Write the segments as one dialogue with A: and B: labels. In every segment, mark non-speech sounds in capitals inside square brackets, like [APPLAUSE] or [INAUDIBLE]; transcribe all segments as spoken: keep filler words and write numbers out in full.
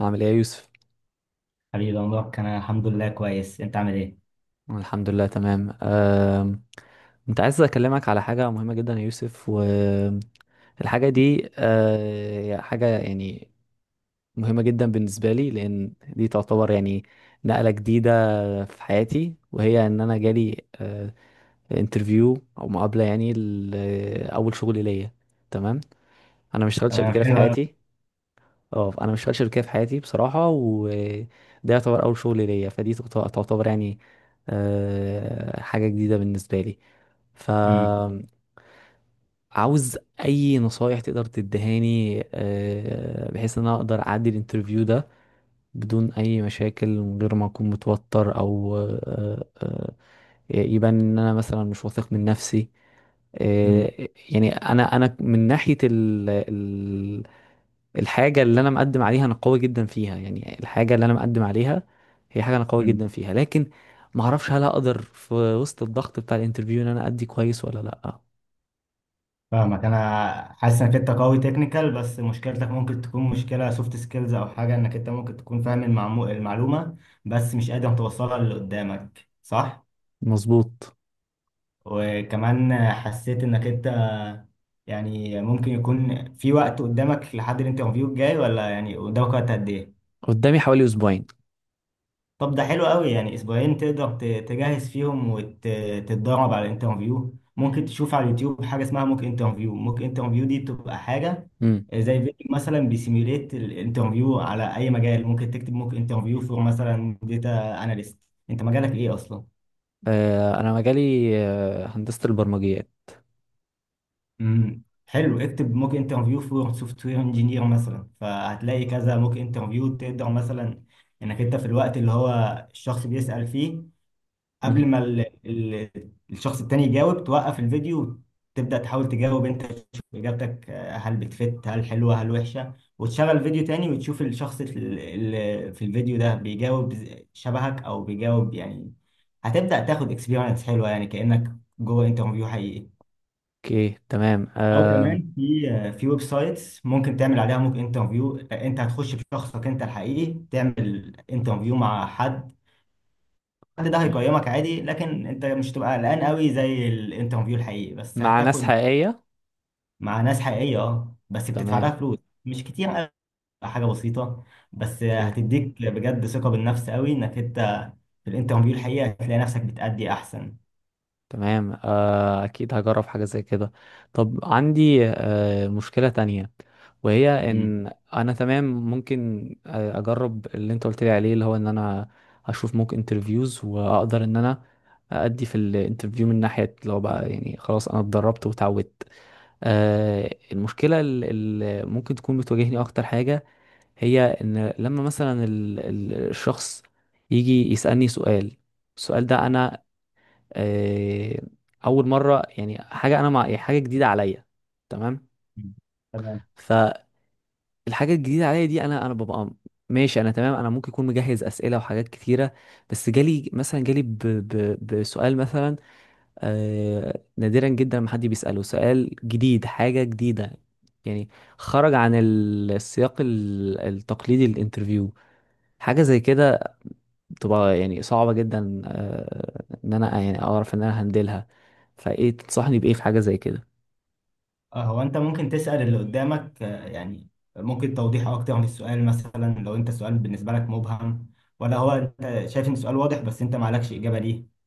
A: عامل ايه يا يوسف؟
B: حبيبي يا مبارك، انا الحمد لله كويس. انت عامل ايه؟
A: الحمد لله تمام. أم، كنت عايز اكلمك على حاجة مهمة جدا يا يوسف، والحاجة دي أه، حاجة يعني مهمة جدا بالنسبة لي، لان دي تعتبر يعني نقلة جديدة في حياتي، وهي ان انا جالي انترفيو او مقابلة يعني لأول شغل ليا. تمام؟ انا ما اشتغلتش قبل
B: تمام،
A: كده في
B: حلو أوي.
A: حياتي. اه، انا ما اشتغلتش شركه في حياتي بصراحه، وده يعتبر اول شغل ليا، فدي تعت- تعتبر يعني آه، حاجه جديده بالنسبه لي.
B: امم
A: فعاوز اي نصايح تقدر تدهاني، آه، بحيث ان انا اقدر اعدي الانترفيو ده بدون اي مشاكل، من غير ما اكون متوتر او آه، آه، يبان ان انا مثلا مش واثق من نفسي.
B: أمم،
A: آه، يعني انا انا من ناحيه الحاجة اللي أنا مقدم عليها، أنا قوي جدا فيها، يعني الحاجة اللي أنا مقدم عليها هي حاجة أنا قوي
B: أمم.
A: جدا فيها، لكن ما أعرفش هل أقدر في وسط الضغط بتاع الانترفيو إن أنا أدي كويس ولا لأ.
B: فاهمك. انا حاسس انك انت قوي تكنيكال، بس مشكلتك ممكن تكون مشكله سوفت سكيلز، او حاجه انك انت ممكن تكون فاهم المعمو... المعلومه بس مش قادر توصلها للي قدامك، صح؟
A: مظبوط.
B: وكمان حسيت انك انت يعني ممكن يكون في وقت قدامك لحد الانترفيو الجاي، ولا يعني قدامك وقت قد ايه؟
A: قدامي حوالي أسبوعين.
B: طب ده حلو قوي، يعني اسبوعين تقدر ت- تجهز فيهم وتتدرب على الانترفيو. ممكن تشوف على اليوتيوب حاجه اسمها موك انترفيو. موك انترفيو دي بتبقى حاجه
A: امم.
B: زي فيديو مثلا بيسيميوليت الانترفيو على اي مجال. ممكن تكتب موك انترفيو فور مثلا داتا اناليست. انت مجالك ايه اصلا؟
A: آه أنا مجالي آه هندسة البرمجيات.
B: امم، حلو. اكتب موك انترفيو فور سوفت وير انجينير مثلا، فهتلاقي كذا موك انترفيو. تقدر مثلا انك انت في الوقت اللي هو الشخص بيسأل فيه، قبل
A: مهم.
B: ما ال... ال... الشخص التاني يجاوب، توقف الفيديو وتبدأ تحاول تجاوب انت، تشوف اجابتك آه، هل بتفت هل حلوة هل وحشة. وتشغل فيديو تاني وتشوف الشخص ال- ال- في الفيديو ده بيجاوب ز- شبهك او بيجاوب يعني. هتبدأ تاخد اكسبيرينس حلوة يعني، كأنك جوه انترفيو حقيقي.
A: أوكي، تمام.
B: او
A: آه
B: كمان في آه، في ويب سايتس ممكن تعمل عليها موك انترفيو. انت هتخش بشخصك انت الحقيقي تعمل انترفيو مع حد. حد ده هيقيمك عادي، لكن انت مش هتبقى قلقان قوي زي الانترفيو الحقيقي، بس
A: مع ناس
B: هتاخد
A: حقيقية.
B: مع ناس حقيقية، اه، بس بتدفع لها
A: تمام.
B: فلوس. مش كتير قوي، حاجة بسيطة، بس
A: أوكي،
B: هتديك بجد ثقة بالنفس قوي، انك انت في الانترفيو الحقيقي هتلاقي نفسك بتأدي احسن.
A: تمام. اكيد هجرب حاجه زي كده. طب عندي آه، مشكله تانية، وهي
B: مم.
A: ان انا تمام ممكن آه، اجرب اللي انت قلت لي عليه، اللي هو ان انا اشوف موك انترفيوز واقدر ان انا ادي في الانترفيو من ناحيه اللي هو بقى يعني خلاص انا اتدربت وتعودت. آه، المشكله اللي ممكن تكون بتواجهني اكتر حاجه هي ان لما مثلا ال- ال- الشخص يجي يسالني سؤال، السؤال ده انا آه، اول مره، يعني حاجه انا مع يعني حاجه جديده عليا. تمام؟
B: مم. تمام.
A: فالحاجه الجديده عليا دي انا انا ببقى ماشي، انا تمام، انا ممكن اكون مجهز اسئله وحاجات كتيره، بس جالي مثلا جالي ب... ب... بسؤال مثلا. آه نادرا جدا ما حد بيساله سؤال جديد، حاجه جديده يعني خرج عن ال- السياق ال- التقليدي للانترفيو. حاجه زي كده بتبقى يعني صعبة جدا، آه، ان انا يعني اعرف ان انا هندلها. فايه تنصحني بايه في حاجة زي كده؟
B: اه، هو انت ممكن تسأل اللي قدامك آه، يعني ممكن توضيح اكتر في السؤال، مثلا لو انت السؤال بالنسبة لك مبهم، ولا هو انت شايف ان السؤال واضح بس انت معلكش إجابة ليه.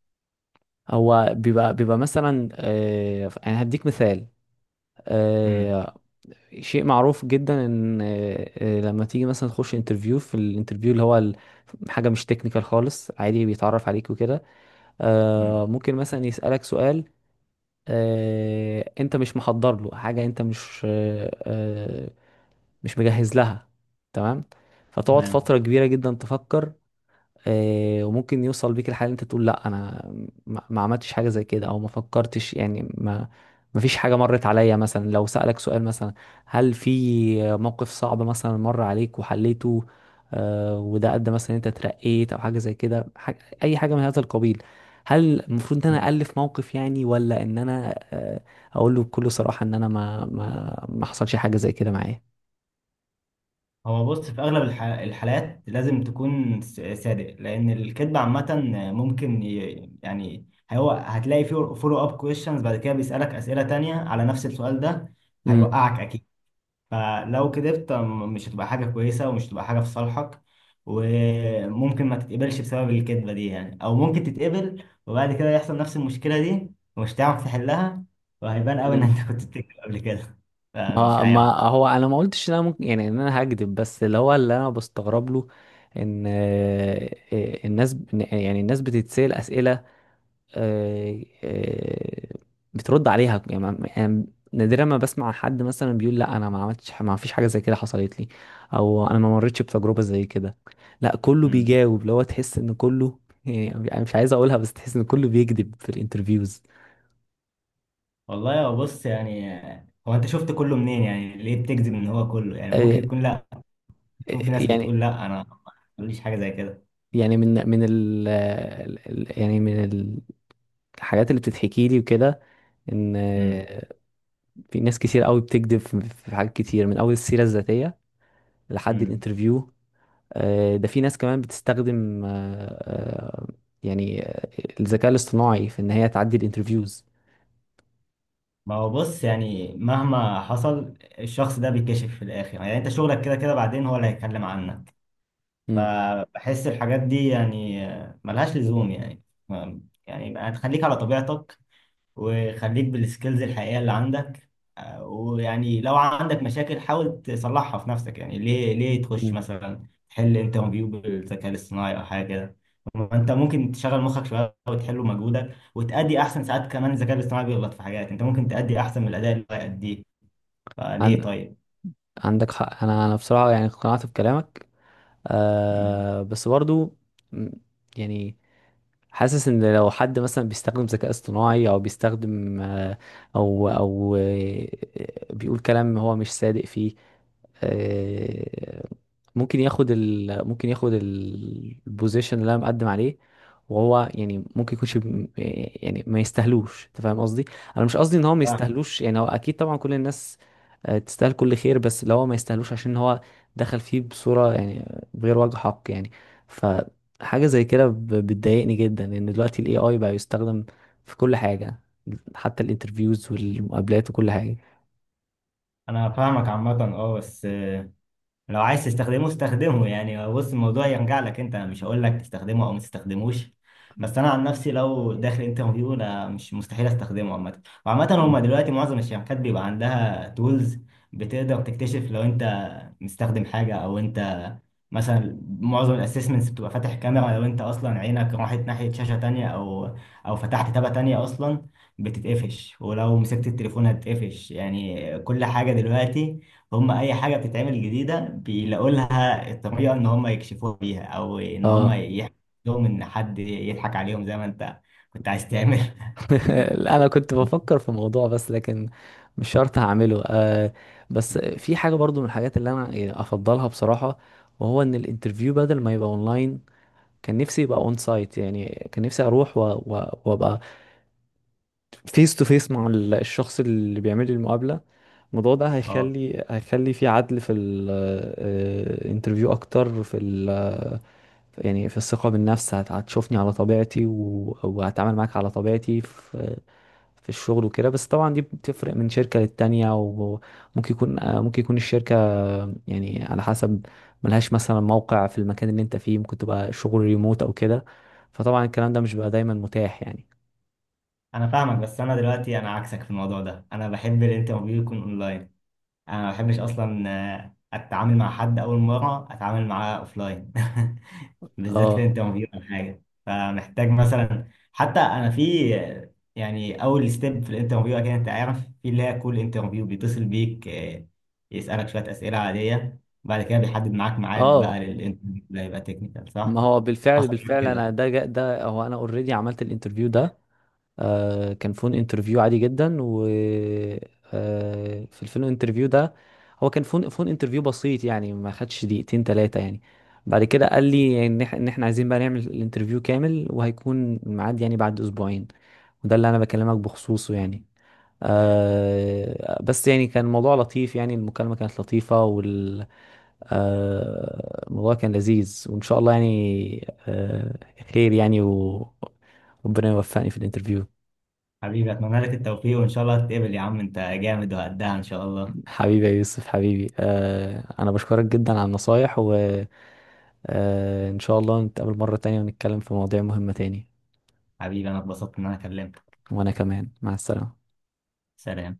A: هو بيبقى بيبقى مثلا، آه، يعني هديك مثال.
B: مم.
A: آه، شيء معروف جدا ان آه، آه، لما تيجي مثلا تخش انترفيو، في الانترفيو اللي هو ال- حاجة مش تكنيكال خالص، عادي بيتعرف عليك وكده، آه،
B: مم.
A: ممكن مثلا يسألك سؤال آه، انت مش محضر له حاجة، انت مش آه، آه، مش مجهز لها. تمام. فتقعد فترة كبيرة جدا تفكر، آه، وممكن يوصل بيك الحال إن انت تقول لا انا ما ما عملتش حاجة زي كده، او ما فكرتش، يعني ما ما فيش حاجة مرت عليا. مثلا لو سألك سؤال مثلا هل في موقف صعب مثلا مر عليك وحليته، آه، وده ادى مثلا إن انت ترقيت او حاجة زي كده، حاجة اي حاجة من هذا القبيل. هل المفروض ان انا
B: تمام.
A: الف موقف يعني، ولا ان انا آه، اقول له بكل صراحة ان انا ما ما ما حصلش حاجة زي كده معايا؟
B: هو بص، في اغلب الح- الحالات لازم تكون س- صادق، لان الكذب عامه ممكن ي- يعني، هو هتلاقي فيه فولو اب كويشنز بعد كده بيسالك اسئله تانية على نفس السؤال ده، هيوقعك اكيد. فلو كذبت م- مش هتبقى حاجه كويسه، ومش هتبقى حاجه في صالحك. وممكن ما تتقبلش بسبب الكذبه دي يعني، او ممكن تتقبل وبعد كده يحصل نفس المشكله دي ومش هتعرف تحلها. وهيبان قوي ان
A: مم.
B: انت [LAUGHS] كنت بتكذب قبل كده، فمش
A: ما ما
B: عارف.
A: هو انا ما قلتش ان انا ممكن يعني ان انا هكذب، بس اللي هو اللي انا بستغرب له ان آه، آه، الناس إن- يعني الناس بتتسأل اسئله، آه، آه، بترد عليها، يعني ما- يعني نادرا ما بسمع حد مثلا بيقول لا انا ما عملتش ح- ما فيش حاجه زي كده حصلت لي او انا ما مريتش بتجربه زي كده. لا، كله بيجاوب اللي هو تحس ان كله، يعني انا مش عايز اقولها بس تحس ان كله بيكذب في الانترفيوز.
B: والله يا بص، يعني هو انت شفت كله منين يعني؟ ليه بتكذب ان هو كله؟ يعني
A: آه،
B: ممكن يكون لا،
A: آه،
B: يكون في ناس بتقول
A: يعني
B: لا انا ما ماليش حاجه زي كده.
A: يعني من من ال ال- يعني من ال- الحاجات اللي بتتحكي لي وكده، ان
B: امم.
A: في ناس كتير قوي بتكذب في في حاجات كتير من اول السيرة الذاتية لحد
B: امم.
A: الانترفيو. آه، ده في ناس كمان بتستخدم آه، آه، يعني آه، الذكاء الاصطناعي في ان هي تعدي الانترفيوز.
B: ما هو بص، يعني مهما حصل الشخص ده بيكشف في الاخر يعني. انت شغلك كده كده بعدين، هو اللي هيتكلم عنك.
A: مم.
B: فبحس الحاجات دي يعني ملهاش لزوم يعني. يعني يبقى تخليك على طبيعتك، وخليك بالسكيلز الحقيقية اللي عندك. آه، ويعني لو عندك مشاكل حاول تصلحها في نفسك. يعني ليه ليه تخش
A: مم.
B: مثلا تحل انترفيو بالذكاء الاصطناعي او حاجة كده؟ ما انت ممكن تشغل مخك شوية وتحله مجهودك وتأدي احسن. ساعات كمان الذكاء الاصطناعي بيغلط في حاجات انت ممكن تأدي احسن من الأداء اللي هو يأديه، فليه
A: عن
B: طيب؟
A: عندك حق. انا انا بصراحة يعني اقتنعت بكلامك،
B: مم.
A: آه، بس برضو مم، يعني حاسس ان لو حد مثلا بيستخدم ذكاء اصطناعي او بيستخدم آه، او او آه، بيقول كلام هو مش صادق فيه، آه، ممكن ياخد ال ممكن ياخد ال- البوزيشن اللي انا مقدم عليه. وهو يعني ممكن يكونش بم- يعني ما يستاهلوش. انت فاهم قصدي؟ انا مش قصدي ان هو ما
B: فاهم.
A: يستاهلوش، يعني هو اكيد طبعا كل الناس آه، تستاهل كل خير، بس لو هو ما يستاهلوش عشان هو دخل فيه بصورة يعني بغير وجه حق يعني. فحاجة زي كده ب- بتضايقني جدا، لان دلوقتي الاي اي بقى يستخدم في كل حاجة، حتى الانترفيوز والمقابلات وكل حاجة.
B: انا فاهمك عامة، اه، بس لو عايز تستخدمه استخدمه. يعني بص الموضوع يرجع لك انت، انا مش هقول لك تستخدمه او ما تستخدموش. بس انا عن نفسي لو داخل انترفيو انا مش، مستحيل استخدمه عامه. وعامه هما دلوقتي معظم الشركات بيبقى عندها تولز بتقدر تكتشف لو انت مستخدم حاجه. او انت مثلا معظم الاسسمنتس بتبقى فاتح كاميرا، لو انت اصلا عينك راحت ناحيه شاشه تانية او او فتحت تابه تانية اصلا بتتقفش. ولو مسكت التليفون هتتقفش. يعني كل حاجه دلوقتي، هم اي حاجه بتتعمل جديده بيلاقوا لها الطريقه ان هم يكشفوها بيها، او ان هم
A: اه
B: يحكوا لهم ان حد يضحك عليهم زي ما انت كنت عايز تعمل [LAUGHS]
A: [LAUGHS] انا كنت بفكر في موضوع بس لكن مش شرط هعمله. آه بس في حاجه برضو من الحاجات اللي انا يعني افضلها بصراحه، وهو ان الانترفيو بدل ما يبقى اونلاين، كان نفسي يبقى اون سايت، يعني كان نفسي اروح و- و- وابقى فيس تو فيس مع ال- الشخص اللي بيعمل لي المقابله. الموضوع ده
B: اه،
A: هيخلي هيخلي في عدل في الانترفيو اكتر، في يعني في الثقة بالنفس. هت- هتشوفني على طبيعتي و... وهتعامل معاك على طبيعتي في في الشغل وكده. بس طبعا دي بتفرق من شركة للتانية، وممكن يكون آه، ممكن يكون الشركة، آه، يعني على حسب ملهاش مثلا موقع في المكان اللي انت فيه، ممكن تبقى شغل ريموت او كده. فطبعا الكلام ده مش بيبقى دايما متاح يعني.
B: انا فاهمك، بس انا دلوقتي انا عكسك في الموضوع ده. انا بحب الانترفيو يكون اونلاين. انا ما بحبش اصلا آه، اتعامل مع حد اول مره اتعامل معاه اوفلاين [LAUGHS] بالذات في
A: اه،
B: انترفيو او حاجه. فمحتاج مثلا حتى انا في آه، يعني اول ستيب في الانترفيو اكيد انت عارف، في اللي هي كول انترفيو، بيتصل بيك آه، يسالك شويه اسئله عاديه، بعد كده بيحدد معاك ميعاد بقى
A: اه
B: للانترفيو، ده يبقى تكنيكال،
A: ما
B: صح؟
A: هو بالفعل
B: حصل معاك
A: بالفعل
B: كده؟
A: انا ده جا- ده هو انا اوريدي عملت الانترفيو ده. آه، كان فون انترفيو عادي جدا، و آه، في الفون انترفيو ده هو كان فون فون انترفيو بسيط يعني ما خدش دقيقتين ثلاثة يعني. بعد كده قال لي يعني ان إح- إن احنا عايزين بقى نعمل الانترفيو كامل، وهيكون الميعاد يعني بعد اسبوعين، وده اللي انا بكلمك بخصوصه يعني. آه بس يعني كان الموضوع لطيف، يعني المكالمة كانت لطيفة وال آه الموضوع كان لذيذ، وإن شاء الله يعني آه خير يعني و- وربنا يوفقني في الانترفيو.
B: حبيبي اتمنى لك التوفيق، وان شاء الله تتقبل. يا عم انت جامد وقدها ان شاء الله.
A: حبيبي يا يوسف، حبيبي، آه انا بشكرك جدا على النصايح، وان شاء الله نتقابل مرة تانية ونتكلم في مواضيع مهمة تاني.
B: حبيبي انا اتبسطت ان انا كلمتك.
A: وانا كمان، مع السلامة.
B: سلام.